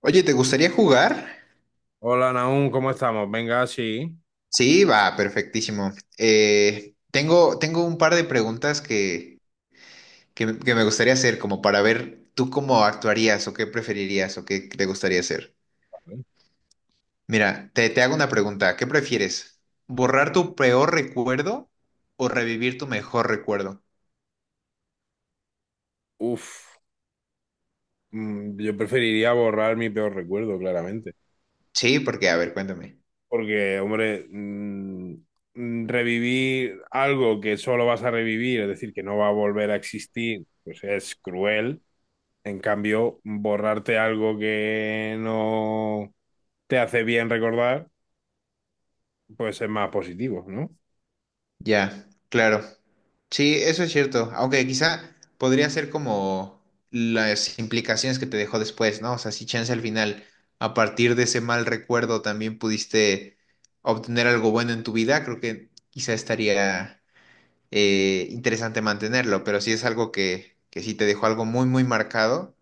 Oye, ¿te gustaría jugar? Hola, Naum, ¿cómo estamos? Venga, sí. Sí, va, perfectísimo. Tengo un par de preguntas que me gustaría hacer, como para ver tú cómo actuarías o qué preferirías o qué te gustaría hacer. Mira, te hago una pregunta. ¿Qué prefieres? ¿Borrar tu peor recuerdo o revivir tu mejor recuerdo? Uf, yo preferiría borrar mi peor recuerdo, claramente. Sí, porque, a ver, cuéntame. Porque, hombre, revivir algo que solo vas a revivir, es decir, que no va a volver a existir, pues es cruel. En cambio, borrarte algo que no te hace bien recordar, pues es más positivo, ¿no? Ya, claro. Sí, eso es cierto. Aunque quizá podría ser como las implicaciones que te dejó después, ¿no? O sea, si chance al final, a partir de ese mal recuerdo también pudiste obtener algo bueno en tu vida, creo que quizá estaría interesante mantenerlo. Pero si es algo que sí te dejó algo muy, muy marcado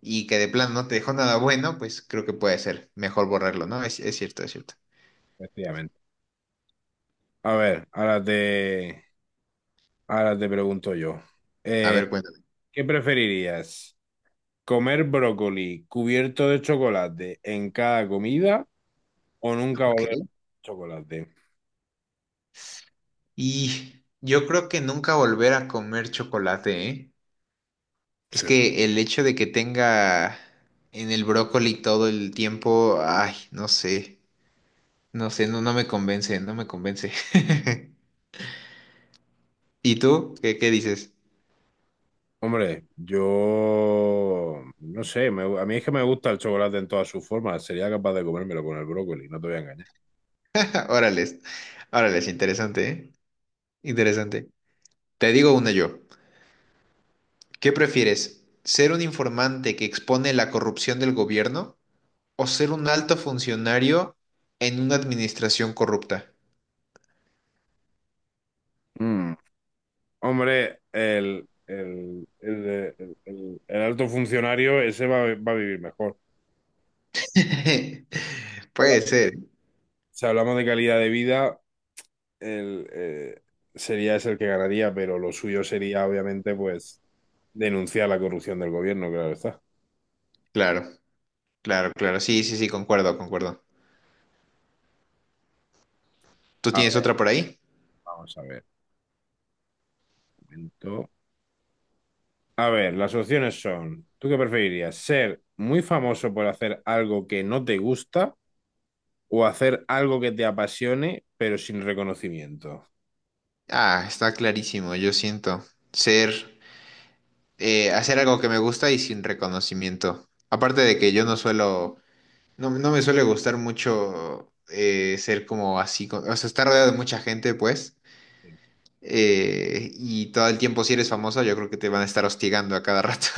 y que de plano no te dejó nada bueno, pues creo que puede ser mejor borrarlo, ¿no? Es cierto, es cierto. Efectivamente. A ver, ahora te pregunto yo. A Eh, ver, cuéntame. ¿Qué preferirías? Comer brócoli cubierto de chocolate en cada comida o nunca Ok. volver a comer chocolate. Y yo creo que nunca volver a comer chocolate, ¿eh? Es Sí. que el hecho de que tenga en el brócoli todo el tiempo, ay, no sé, no sé, no me convence, no me convence. ¿Y tú? ¿Qué dices? Hombre, yo no sé, a mí es que me gusta el chocolate en todas sus formas. Sería capaz de comérmelo con el brócoli, no te voy a engañar. Órales, órales, interesante, ¿eh? Interesante. Te digo una yo. ¿Qué prefieres? ¿Ser un informante que expone la corrupción del gobierno o ser un alto funcionario en una administración corrupta? Mm. Hombre, el alto funcionario, ese va, a va a vivir mejor. Si Habla- Puede ser. Si hablamos de calidad de vida, el, eh, sería ese el que ganaría, pero lo suyo sería, obviamente, pues denunciar la corrupción del gobierno, claro está. Claro, claro, claro. Sí, sí, sí, concuerdo, concuerdo. ¿Tú A tienes ver, otra por ahí? vamos a ver. Un momento. A ver, las opciones son, ¿tú qué preferirías? ¿Ser muy famoso por hacer algo que no te gusta o hacer algo que te apasione, pero sin reconocimiento? Ah, está clarísimo, yo siento. Ser, hacer algo que me gusta y sin reconocimiento. Aparte de que yo no suelo, no me suele gustar mucho ser como así, co- o sea, estar rodeado de mucha gente, pues. Y todo el tiempo, si eres famoso, yo creo que te van a estar hostigando a cada rato.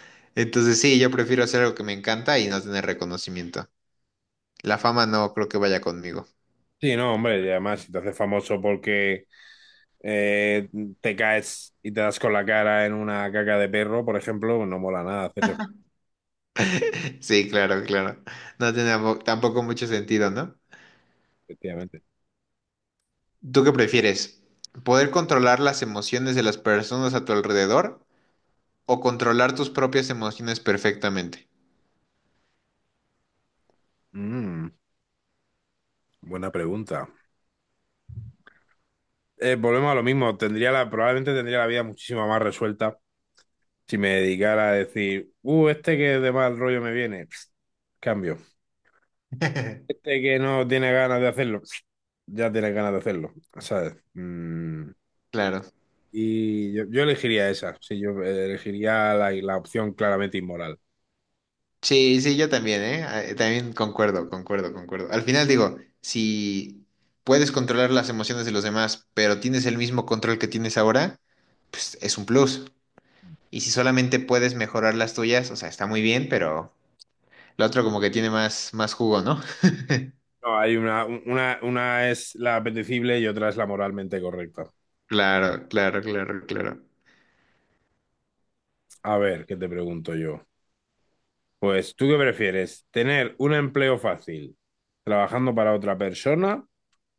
Entonces, sí, yo prefiero hacer algo que me encanta y no tener reconocimiento. La fama no creo que vaya conmigo. Sí, no, hombre, y además si te haces famoso porque eh, te caes y te das con la cara en una caca de perro, por ejemplo, no mola nada hacerse famoso, Sí, claro, claro. No tiene tampo- tampoco mucho sentido, ¿no? efectivamente. ¿Tú qué prefieres? ¿Poder controlar las emociones de las personas a tu alrededor o controlar tus propias emociones perfectamente? Mm. Buena pregunta. Volvemos a lo mismo. Probablemente tendría la vida muchísimo más resuelta si me dedicara a decir, este que de mal rollo me viene, pss, cambio. Este que no tiene ganas de hacerlo, pss, ya tiene ganas de hacerlo, ¿sabes? Claro. Y yo elegiría esa, sí, yo elegiría la opción claramente inmoral. Sí, sí, yo también, ¿eh? También concuerdo, concuerdo, concuerdo. Al final digo, si puedes controlar las emociones de los demás, pero tienes el mismo control que tienes ahora, pues es un plus. Y si solamente puedes mejorar las tuyas, o sea, está muy bien, pero lo otro como que tiene más, más jugo, ¿no? No, hay una es la apetecible y otra es la moralmente correcta. Claro, claro, claro, claro. A ver, ¿qué te pregunto yo? Pues, ¿tú qué prefieres? ¿Tener un empleo fácil trabajando para otra persona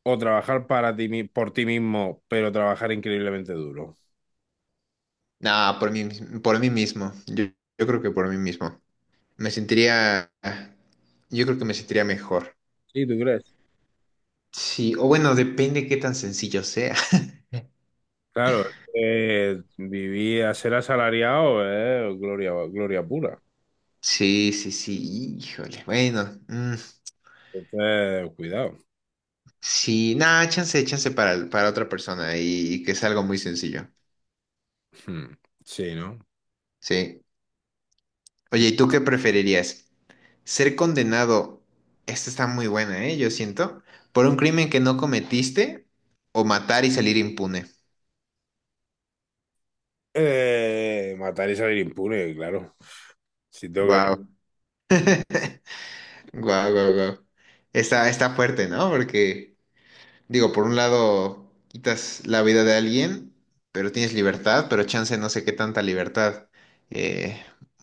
o trabajar para ti, por ti mismo, pero trabajar increíblemente duro? No, por mí, mis- por mí mismo. Yo creo que por mí mismo. Me sentiría, yo creo que me sentiría mejor. Sí, ¿tú crees? Sí, o bueno, depende qué tan sencillo sea. Claro, vivir a ser asalariado es gloria, gloria pura. Sí, sí, sí, híjole. Bueno, Entonces, cuidado. sí, nada, chance, chance para otra persona y, que es algo muy sencillo. Hmm. Sí, ¿no? Sí. Oye, ¿y tú qué preferirías? ¿Ser condenado? Esta está muy buena, ¿eh? Yo siento. ¿Por un crimen que no cometiste o matar y salir impune? Matar y salir impune, claro. Si tengo que, Wow, wow, wow, wow. Está, está fuerte, ¿no? Porque, digo, por un lado quitas la vida de alguien, pero tienes libertad, pero chance no sé qué tanta libertad eh,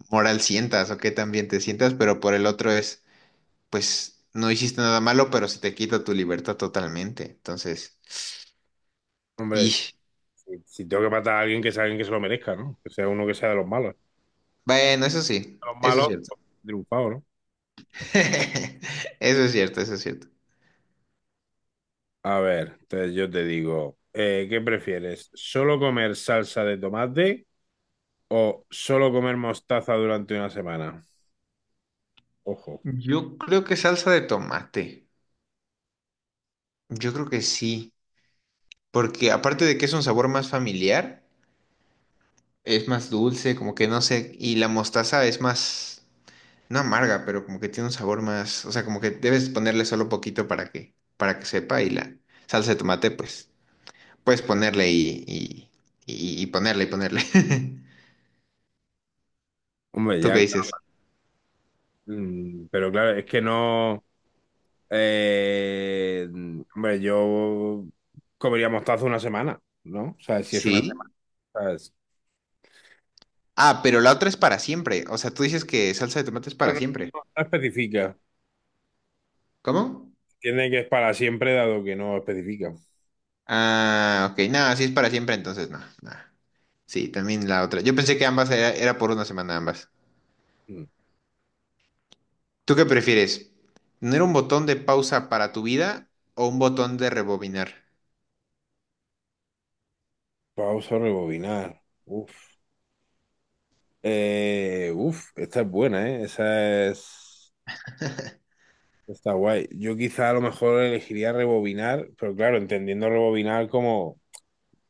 moral sientas o qué tan bien te sientas, pero por el otro es, pues no hiciste nada malo, pero se te quita tu libertad totalmente. Entonces, hombre, y si tengo que matar a alguien que sea alguien que se lo merezca, ¿no? Que sea uno que sea de los malos. bueno, eso sí, De los eso es malos, cierto. pues, triunfado, ¿no? Eso es cierto, eso es cierto. A ver, yo te digo, ¿qué prefieres? ¿Solo comer salsa de tomate o solo comer mostaza durante una semana? Ojo. Yo creo que salsa de tomate. Yo creo que sí. Porque aparte de que es un sabor más familiar, es más dulce, como que no sé, y la mostaza es más, no amarga, pero como que tiene un sabor más, o sea, como que debes ponerle solo poquito para que sepa, y la salsa de tomate, pues, puedes ponerle y ponerle y ponerle. Hombre, ¿Tú qué ya, dices? claro. Mm, pero claro, es que no. Eh, hombre, yo comería mostaza una semana, ¿no? O sea, si es una Sí. semana, Ah, pero la otra es para siempre, o sea, tú dices que salsa de tomate es para pero siempre. no, no especifica. ¿Cómo? Tiene que es para siempre, dado que no especifica. Ah, ok, nada, si es para siempre, entonces no, nada. Sí, también la otra. Yo pensé que ambas era, era por una semana ambas. Mm. ¿Tú qué prefieres? ¿Tener un botón de pausa para tu vida o un botón de rebobinar? Pausa, rebobinar. Uf. Uf, esta es buena, ¿eh? Esa es. Está guay. Yo quizá a lo mejor elegiría rebobinar, pero claro, entendiendo rebobinar como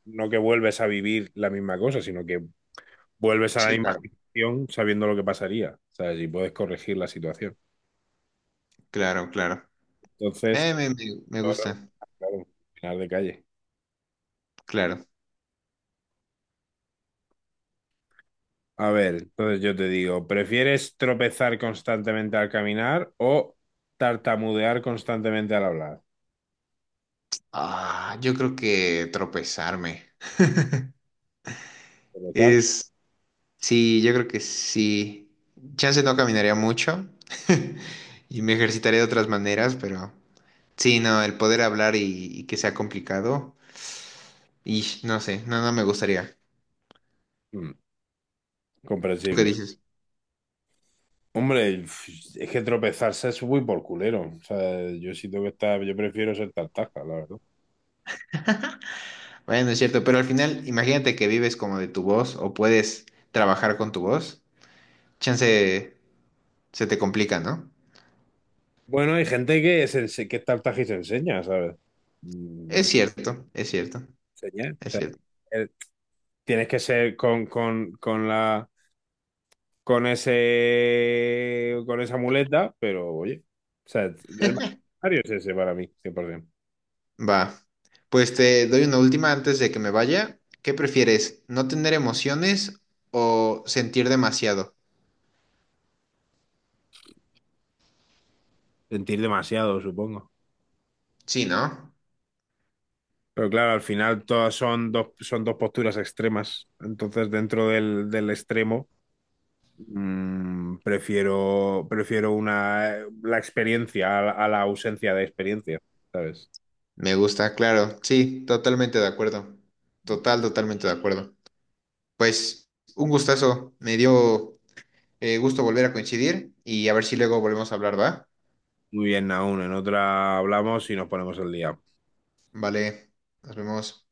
no que vuelves a vivir la misma cosa, sino que vuelves a la Sí, misma claro. situación sabiendo lo que pasaría, ¿sabes? Y puedes corregir la situación. Claro, claro. Eh, Entonces, me, me- me ahora, gusta, claro, final de calle. claro. A ver, entonces yo te digo, ¿prefieres tropezar constantemente al caminar o tartamudear constantemente al hablar? Ah, yo creo que tropezarme. Tropezar, Es, sí, yo creo que sí. Chance no caminaría mucho y me ejercitaré de otras maneras, pero sí, no, el poder hablar y que sea complicado, y no sé, no me gustaría. mm, ¿Tú qué comprensible. dices? Hombre, es que tropezarse es muy por culero. O sea, yo sí tengo que estar, yo prefiero ser tartaja, la verdad. Bueno, es cierto, pero al final, imagínate que vives como de tu voz o puedes trabajar con tu voz. Chance se te complica, ¿no? Bueno, hay gente que, que es tartaja y se enseña, ¿sabes? Mm, Es no cierto, es cierto, enseña. O es sea, cierto. eh, tienes que ser con la con ese con esa muleta, pero oye. O sea, el Mario es ese para mí, 100%. Va. Pues te doy una última antes de que me vaya. ¿Qué prefieres? ¿No tener emociones o sentir demasiado? Sentir demasiado, supongo. Sí, ¿no? Pero claro, al final todas son dos posturas extremas. Entonces, dentro del, del extremo. Mm, prefiero una, la a la ausencia de experiencia, ¿sabes? Me gusta, claro. Sí, totalmente de acuerdo. Total, totalmente de acuerdo. Pues un gustazo. Me dio gusto volver a coincidir y a ver si luego volvemos a hablar, ¿va? Muy bien, aún en otra hablamos y nos ponemos el día. Vale, nos vemos.